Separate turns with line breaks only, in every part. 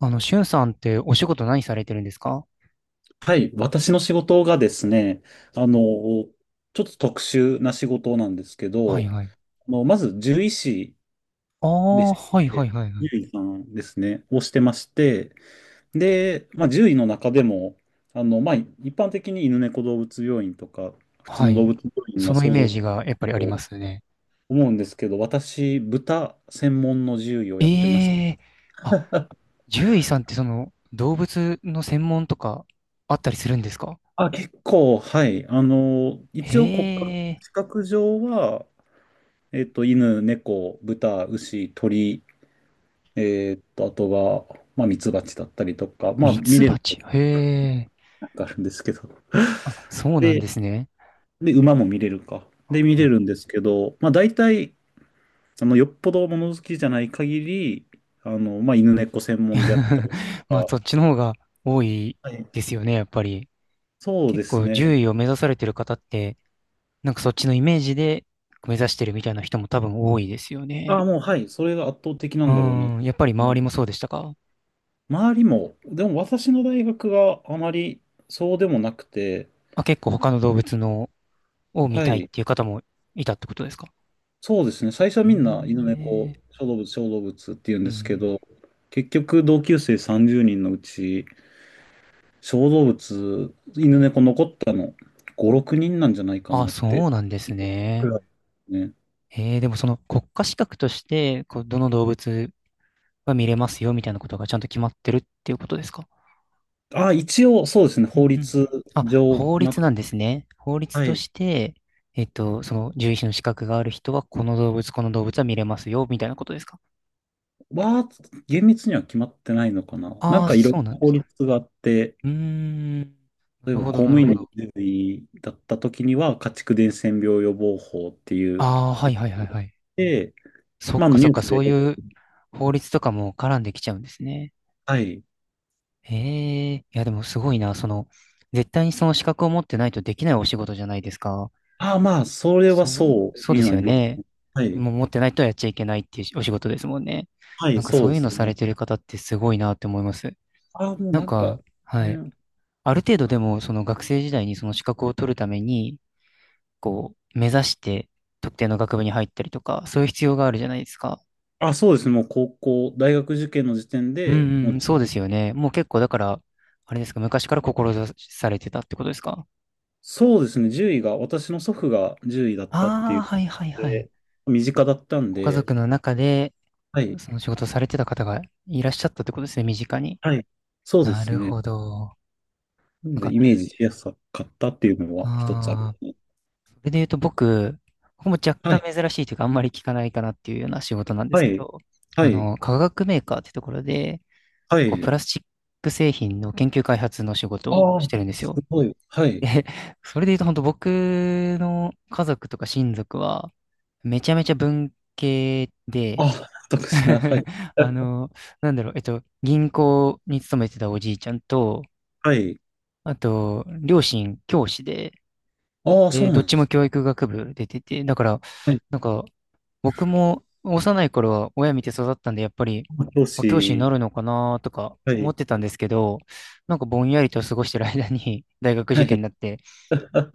しゅんさんってお仕事何されてるんですか？
はい、私の仕事がですね、ちょっと特殊な仕事なんですけ
はい
ど、
はい。
まず獣医師
あ
で
あ、
し
はいはい
て、
はいはい。
獣医さんですね、をしてまして、で、まあ、獣医の中でも、まあ、一般的に犬猫動物病院とか、普通
は
の動
い。
物病院
そ
が
のイ
想
メ
像
ー
する
ジがやっぱりありま
と
すね。
思うんですけど、私、豚専門の獣医をやってまし
え
た。
え。あ、獣医さんってその動物の専門とかあったりするんですか？
あ、結構、はい。
へ
一応国家
え、
資格上は、犬、猫、豚、牛、鳥、あとは、まあ、ミツバチだったりとか、まあ、
ミ
見
ツ
れる
バチ。へえ。
のがあるんですけど。
あ、そうなん
で、
ですね。
で、馬も見れるか。で、見れ
あ。
るんですけど、まあ、大体、よっぽど物好きじゃない限り、まあ、犬猫専門であったり
まあ
と
そっちの方が多い
か、はい。
ですよね、やっぱり。
そうで
結
す
構
ね。
獣医を目指されてる方って、なんかそっちのイメージで目指してるみたいな人も多分多いですよね。
あもう、はい、それが圧倒的な
う
んだろうな。
ん、やっぱり
も
周
う
りもそうでしたか？
周りも、でも私の大学があまりそうでもなくて、
あ、結構他の動物のを見
は
たいっ
い。
ていう方もいたってことですか？
そうですね。最初はみんな犬
ええ。
猫、小動物、小動物って言うん
う
ですけ
ん。
ど、結局同級生30人のうち、小動物、犬猫残ったの5、6人なんじゃないか
あ、
なって
そうなんです
く
ね。
らいですね。
ええ。でもその国家資格として、こう、どの動物は見れますよみたいなことがちゃんと決まってるっていうことですか？
あ、一応そうですね。
う
法
んうんう
律
ん。あ、
上決
法
まっ、
律なんですね。法律
は
と
い。
して、その獣医師の資格がある人は、この動物、この動物は見れますよみたいなことですか？
は、厳密には決まってないのかな。なん
ああ、
かいろい
そうなん
ろ
で
法
すかね。
律があって、
うーん。な
例え
る
ば
ほ
公
ど、な
務
る
員
ほ
の
ど。
従事だった時には、家畜伝染病予防法っていう、
ああ、はいはいはいはい。
で、
そっ
まあ、あ
か
の
そ
ニ
っ
ュー
か、
ス
そ
で
ういう法律とかも絡んできちゃうんですね。
はい。
へえ。いや、でもすごいな。その、絶対にその資格を持ってないとできないお仕事じゃないですか。
ああ、まあ、それは
そう、
そ
そ
う
うで
に
す
な
よ
ります
ね。
ね。はい。
もう持ってないとやっちゃいけないっていうお仕事ですもんね。
は
な
い、
んか
そ
そ
う
う
で
いう
す
のされ
ね。
てる方ってすごいなって思います。
ああ、もう
なん
なんか、
か、はい。
ね、
ある程度でも、その学生時代にその資格を取るために、こう、目指して特定の学部に入ったりとか、そういう必要があるじゃないですか。
あ、そうですね。もう高校、大学受験の時点
う
で、も
んう
う、
ん、そうですよね。もう結構だから、あれですか、昔から志されてたってことですか？
そうですね。10位が、私の祖父が10位だったってい
ああ、
うこ
はい
と
はいはい。
で、身近だったん
ご家
で、
族の中で、
はい。
その仕事をされてた方がいらっしゃったってことですね、身近に。
はい。そうで
な
す
る
ね。
ほど。
な
な
の
ん
で、
か、
イメージしやすかったっていうのは一つあ
あ
る。
あ、それで言うと僕、ここも若
はい。
干珍しいというか、あんまり聞かないかなっていうような仕事なんで
は
すけ
い。
ど、
はい。
化学メーカーってところで、
は
こう、
い。
プラスチック製品の研究開発の仕事を
あ
し
あ、
てるんです
す
よ。
ごい。はい。
で、それで言うと本当僕の家族とか親族は、めちゃめちゃ文系
あ
で、
あ、特殊な。はい。
あの、なんだろう、銀行に勤めてたおじいちゃんと、
はい。
あと、両親教師で、
ああ、そ
で、
う
ど
な
っ
ん
ち
です
も
ね。
教育学部出てて、だから、
はい。
なんか、僕も幼い頃は親見て育ったんで、やっぱり、
教
あ、教師にな
師。
るのかなとか
は
思っ
い。
てたんですけど、なんかぼんやりと過ごしてる間に 大学
は
受験に
い。
なって、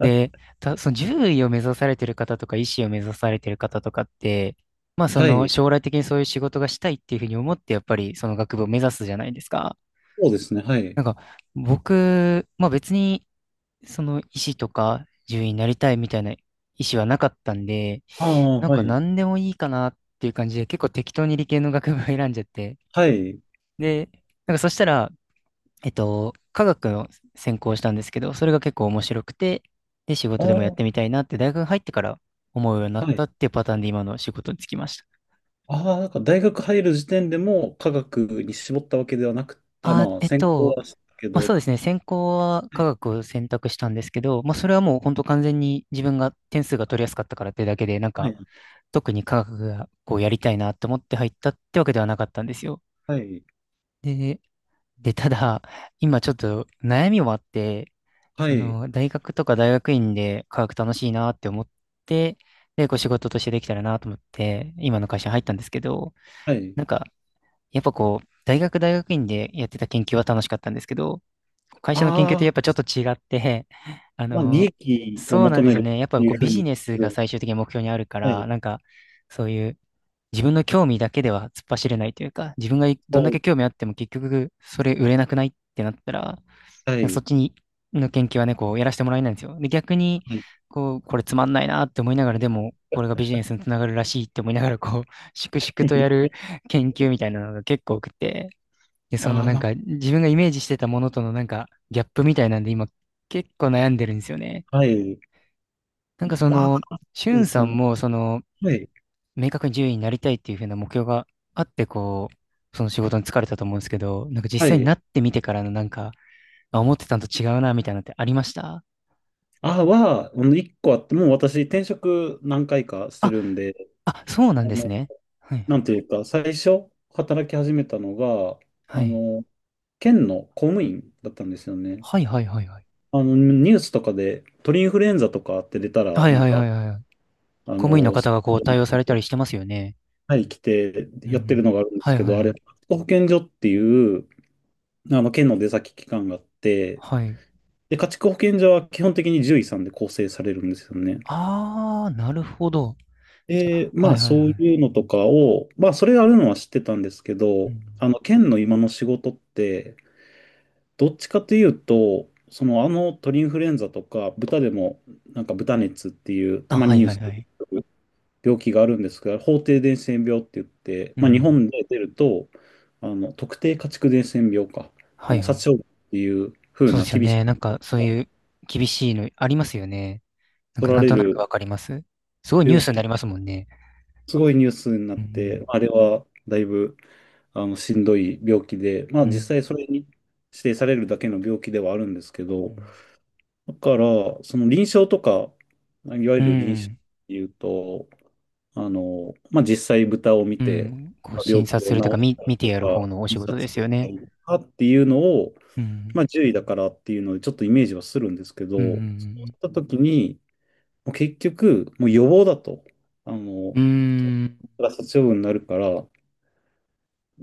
で、その獣医を目指されてる方とか医師を目指されてる方とかって、まあそ
は
の
い。
将来的にそういう仕事がしたいっていうふうに思って、やっぱりその学部を目指すじゃないですか。
そうですね。はい。
なんか僕、まあ別にその医師とか獣医になりたいみたいな意思はなかったんで、
ああ、
なん
は
か
い。
何でもいいかなっていう感じで結構適当に理系の学部を選んじゃって。
はい。
で、なんかそしたら、科学を専攻したんですけど、それが結構面白くて、で、仕
あ
事でもやっ
あ、
てみたいなって大学入ってから思うようになっ
はい。
たっていうパターンで今の仕事に就きました。
ああ、なんか大学入る時点でも科学に絞ったわけではなく、あ、
あ、
まあ、専攻はしたけ
まあそ
ど。
うですね、専攻は
は
科
い。
学を選択したんですけど、まあそれはもう本当完全に自分が点数が取りやすかったからってだけで、なん
は
か
い。
特に科学がこうやりたいなって思って入ったってわけではなかったんですよ。で、ただ、今ちょっと悩みもあって、
は
そ
い。
の、大学とか大学院で科学楽しいなって思って、で、こう仕事としてできたらなと思って、今の会社に入ったんですけど、
はい。
なんか、やっぱこう、大学大学院でやってた研究は楽しかったんですけど、会社の研究っ
あ
て
あ
やっぱち
ー、
ょっと違って、あ
まあ、利
の、
益を
そうな
求
んで
め
すよ
る
ね。やっ
って
ぱこ
い
う
うふう
ビジ
に
ネス
す
が
る。
最終的に目標にあるか
はい。
ら、なんか、そういう自分の興味だけでは突っ走れないというか、自分がど
そ
んだけ
う。
興味あっても結局それ売れなくないってなったら、なん
は
かそっ
い。
ちにの研究はね、こうやらせてもらえないんですよ。で、逆に、
はい。
こう、これつまんないなって思いながら、でも、これがビジネスにつながるらしいって思いながら、こう、粛々とやる 研究みたいなのが結構多くて、で、その
ああ、
なん
ま
か自分がイメージしてたものとのなんかギャップみたいなんで今結構悩んでるんですよね。
あ、はい。
なんかそ
まあ、
の、しゅ
そうで
ん
す
さ
よ
ん
ね。
もその、
はい。
明確に獣医になりたいっていうふうな目標があって、こう、その仕事に疲れたと思うんですけど、なんか
は
実際に
い。
なってみてからのなんか、あ、思ってたのと違うな、みたいなのってありました？
あは、一個あって、もう私、転職何回かして
あ、
るんで、
あ、そうなん
あ
です
の、
ね。はい
なんていうか、最初、働き始めたのが、
は
あ
い。
の、県の公務員だったんですよね。
はい。はいはいはいはい。
ニュースとかで、鳥インフルエンザとかって出たら、
はい
なん
はいは
か、
いはいはい。
あ
公務員の
の、
方がこう対応されたりしてますよね。
はい、来て
うんう
やってる
ん。
のがあるんで
は
す
い
け
はい
ど、あ
は
れ、
い。
家畜保健所っていう、県の出先機関があって、
はい。
で、家畜保健所は基本的に獣医さんで構成されるんですよね。
あー、なるほど。
で、
あ、は
ま
い
あ
はいはい。
そういうのとかを、まあそれがあるのは知ってたんですけ
う
ど、
ん。
県の今の仕事って、どっちかというと、その鳥インフルエンザとか豚でもなんか豚熱っていうた
あ、
ま
は
に
い
ニュー
はい
ス
はい。
病気があるんですが法定伝染病って言って、
うんう
ま
んう
あ、日
ん。
本で出ると特定家畜伝染病か
はいはい。
殺傷っていう風
そう
な
ですよ
厳し
ね。なん
い
か
こ
そう
とが
いう厳しいのありますよね。なんか
取ら
なん
れ
となく
る
わかります。すごいニュー
病
スにな
気
りますもんね。
すごいニュースになっ
う
て、
ん、
あれはだいぶしんどい病気で、まあ
う
実
ん、
際それに指定されるだけの病気ではあるんですけ
う
ど、
ん、
だから、その臨床とか、いわゆ
う
る臨床っ
ん、
ていうと、まあ実際豚を見
う
て、
ん、こう診
病
察
気を
す
治
るというか、
し
み、
たり
見て
と
やる
か、
方のお仕
自
事
殺
ですよ
した
ね。
りとかっていうのを、
う
まあ
ん、
獣医だからっていうのでちょっとイメージはするんですけど、
う
そうし
ん、
た時に、もう結局、もう予防だと、あの、
うん、うん、
殺処分になるから、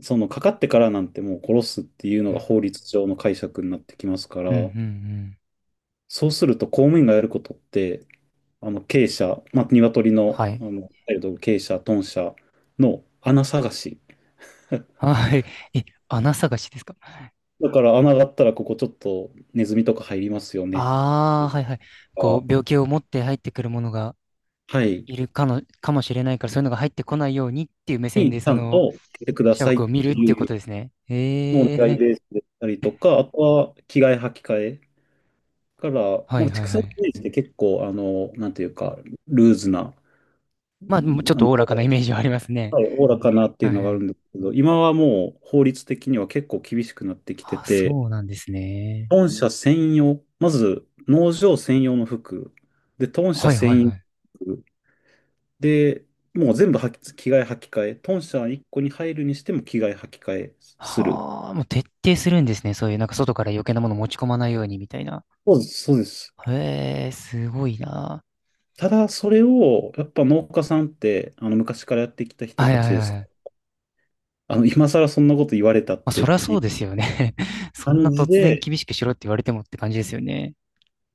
そのかかってからなんてもう殺すっていうの
うん、う
が
ん、
法律上の解釈になってきますから、
うん、うん。
そうすると公務員がやることって、鶏舎、まあ、鶏の、
はい。
鶏舎、豚舎の穴探し。
はい。え、穴探しですか？
だから穴があったらここちょっとネズミとか入りますよね
ああー、はいはい。こう、
と
病気を持って入ってくるものが
か、はい、
いるかの、かもしれないから、そういうのが入ってこないようにっていう目線
に
で、
ちゃ
そ
ん
の、
と来てくだ
社
さいっ
屋を見る
て
っていう
い
こ
う
とですね。
のをお
え
願い
え。
ベースでしたりとか、あとは着替え履き替えだから、
は
ま
い
あ、
はい
畜
は
産イ
い。
メージって結構、なんていうか、ルーズな、
まあ、もうちょっ
あ
と
の
おおらかなイメージはありますね。
はい、おおらかなって
は
いう
い
のがあ
は
る
い。
んですけど、今はもう法律的には結構厳しくなってきて
あ、そう
て、
なんですね。
豚舎専用、まず農場専用の服、で、豚舎
はいはい
専用
はい。
服、で、もう全部はき着替え履き替え、豚舎1個に入るにしても着替え履き替えする。
はあ、もう徹底するんですね。そういう、なんか外から余計なもの持ち込まないようにみたいな。
そうです、そうです。
へえ、すごいな。
ただ、それを、やっぱ農家さんって、昔からやってきた人
はい
た
は
ち
い
です。
はい。
今更そんなこと言われたっ
まあ、そ
てっ
りゃ
てい
そうで
う
すよね。そんな
感じ
突然
で、
厳しくしろって言われてもって感じですよね。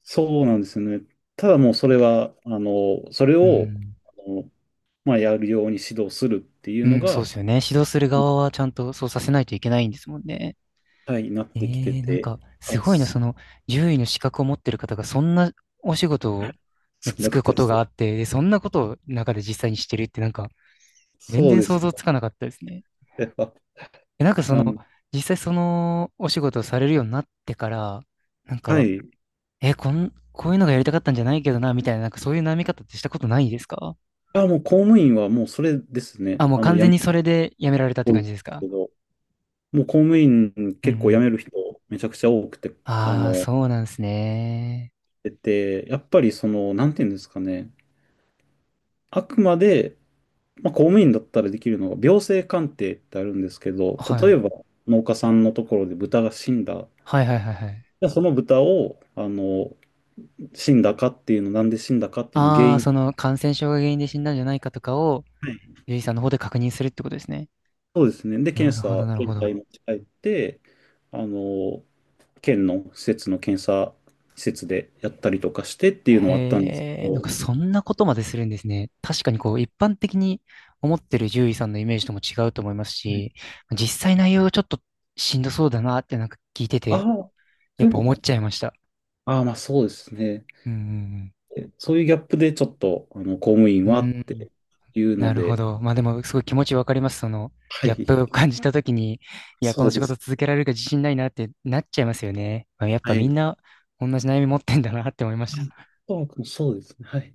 そうなんですよね。ただもうそれは、それ
う
を、
ん。
あの、まあ、やるように指導するっていう
う
の
ん、そう
が、
ですよね。指導する側はちゃんとそうさせないといけないんですもんね。
はい、なってきて
ええ。なん
て、
か、す
あ、
ごいな、
そ
その、獣医の資格を持ってる方が、そんなお仕事に
そん
就
なこ
くこ
とで
とがあ
す。
って、で、そんなことを中で実際にしてるって、なんか、全
そう
然
で
想
す。
像つかなかったですね。
それは
え、なんかその、
なん、
実際そのお仕事をされるようになってから、なん
は
か、
い。
え、こういうのがやりたかったんじゃないけどな、みたいな、なんかそういう悩み方ってしたことないですか？
あ、もう公務員はもうそれです
あ、
ね。
もう完
辞
全
め
にそ
る
れでやめられたっ
人多
て
いん
感
です
じですか？
けど、もう公務員
うんう
結構辞
ん。
める人めちゃくちゃ多くて、あ
ああ、
の、
そうなんですね。
出て、やっぱりなんていうんですかね。あくまで、まあ、公務員だったらできるのが病性鑑定ってあるんですけど、
は
例え
い。
ば農家さんのところで豚が死んだ。
はいはいはいはい。
じゃあその豚を、死んだかっていうの、なんで死んだかっていうの原
ああ、
因。
その感染症が原因で死んだんじゃないかとかを、
はい
獣医さんの方で確認するってことですね。
そうですね。で、
な
検
るほ
査、
ど、なるほ
検体
ど。
持ち帰って、あの、県の施設の検査施設でやったりとかしてっていうのはあったんですけ
へえ、なん
ど、
かそんなことまでするんですね。確かにこう、一般的に思ってる獣医さんのイメージとも違うと思います
はい
し、実際内容がちょっとしんどそうだなってなんか聞いて
あ
て、
あ、
やっ
で
ぱ思っ
も、
ちゃいました。
ああ、まあそうですね。
うん
そういうギャップでちょっと、公務員
うんう
は
ん。
っ
うん。
ていう
な
の
るほ
で、
ど。まあでも、すごい気持ちわかります。その、
は
ギャッ
い。
プを感じたときに、いや、こ
そ
の
う
仕
です
事続けられるか自信ないなってなっちゃいますよね。まあ、やっ
は
ぱみ
い。あ
んな同じ悩み持ってんだなって思いました。
そうですね。はい。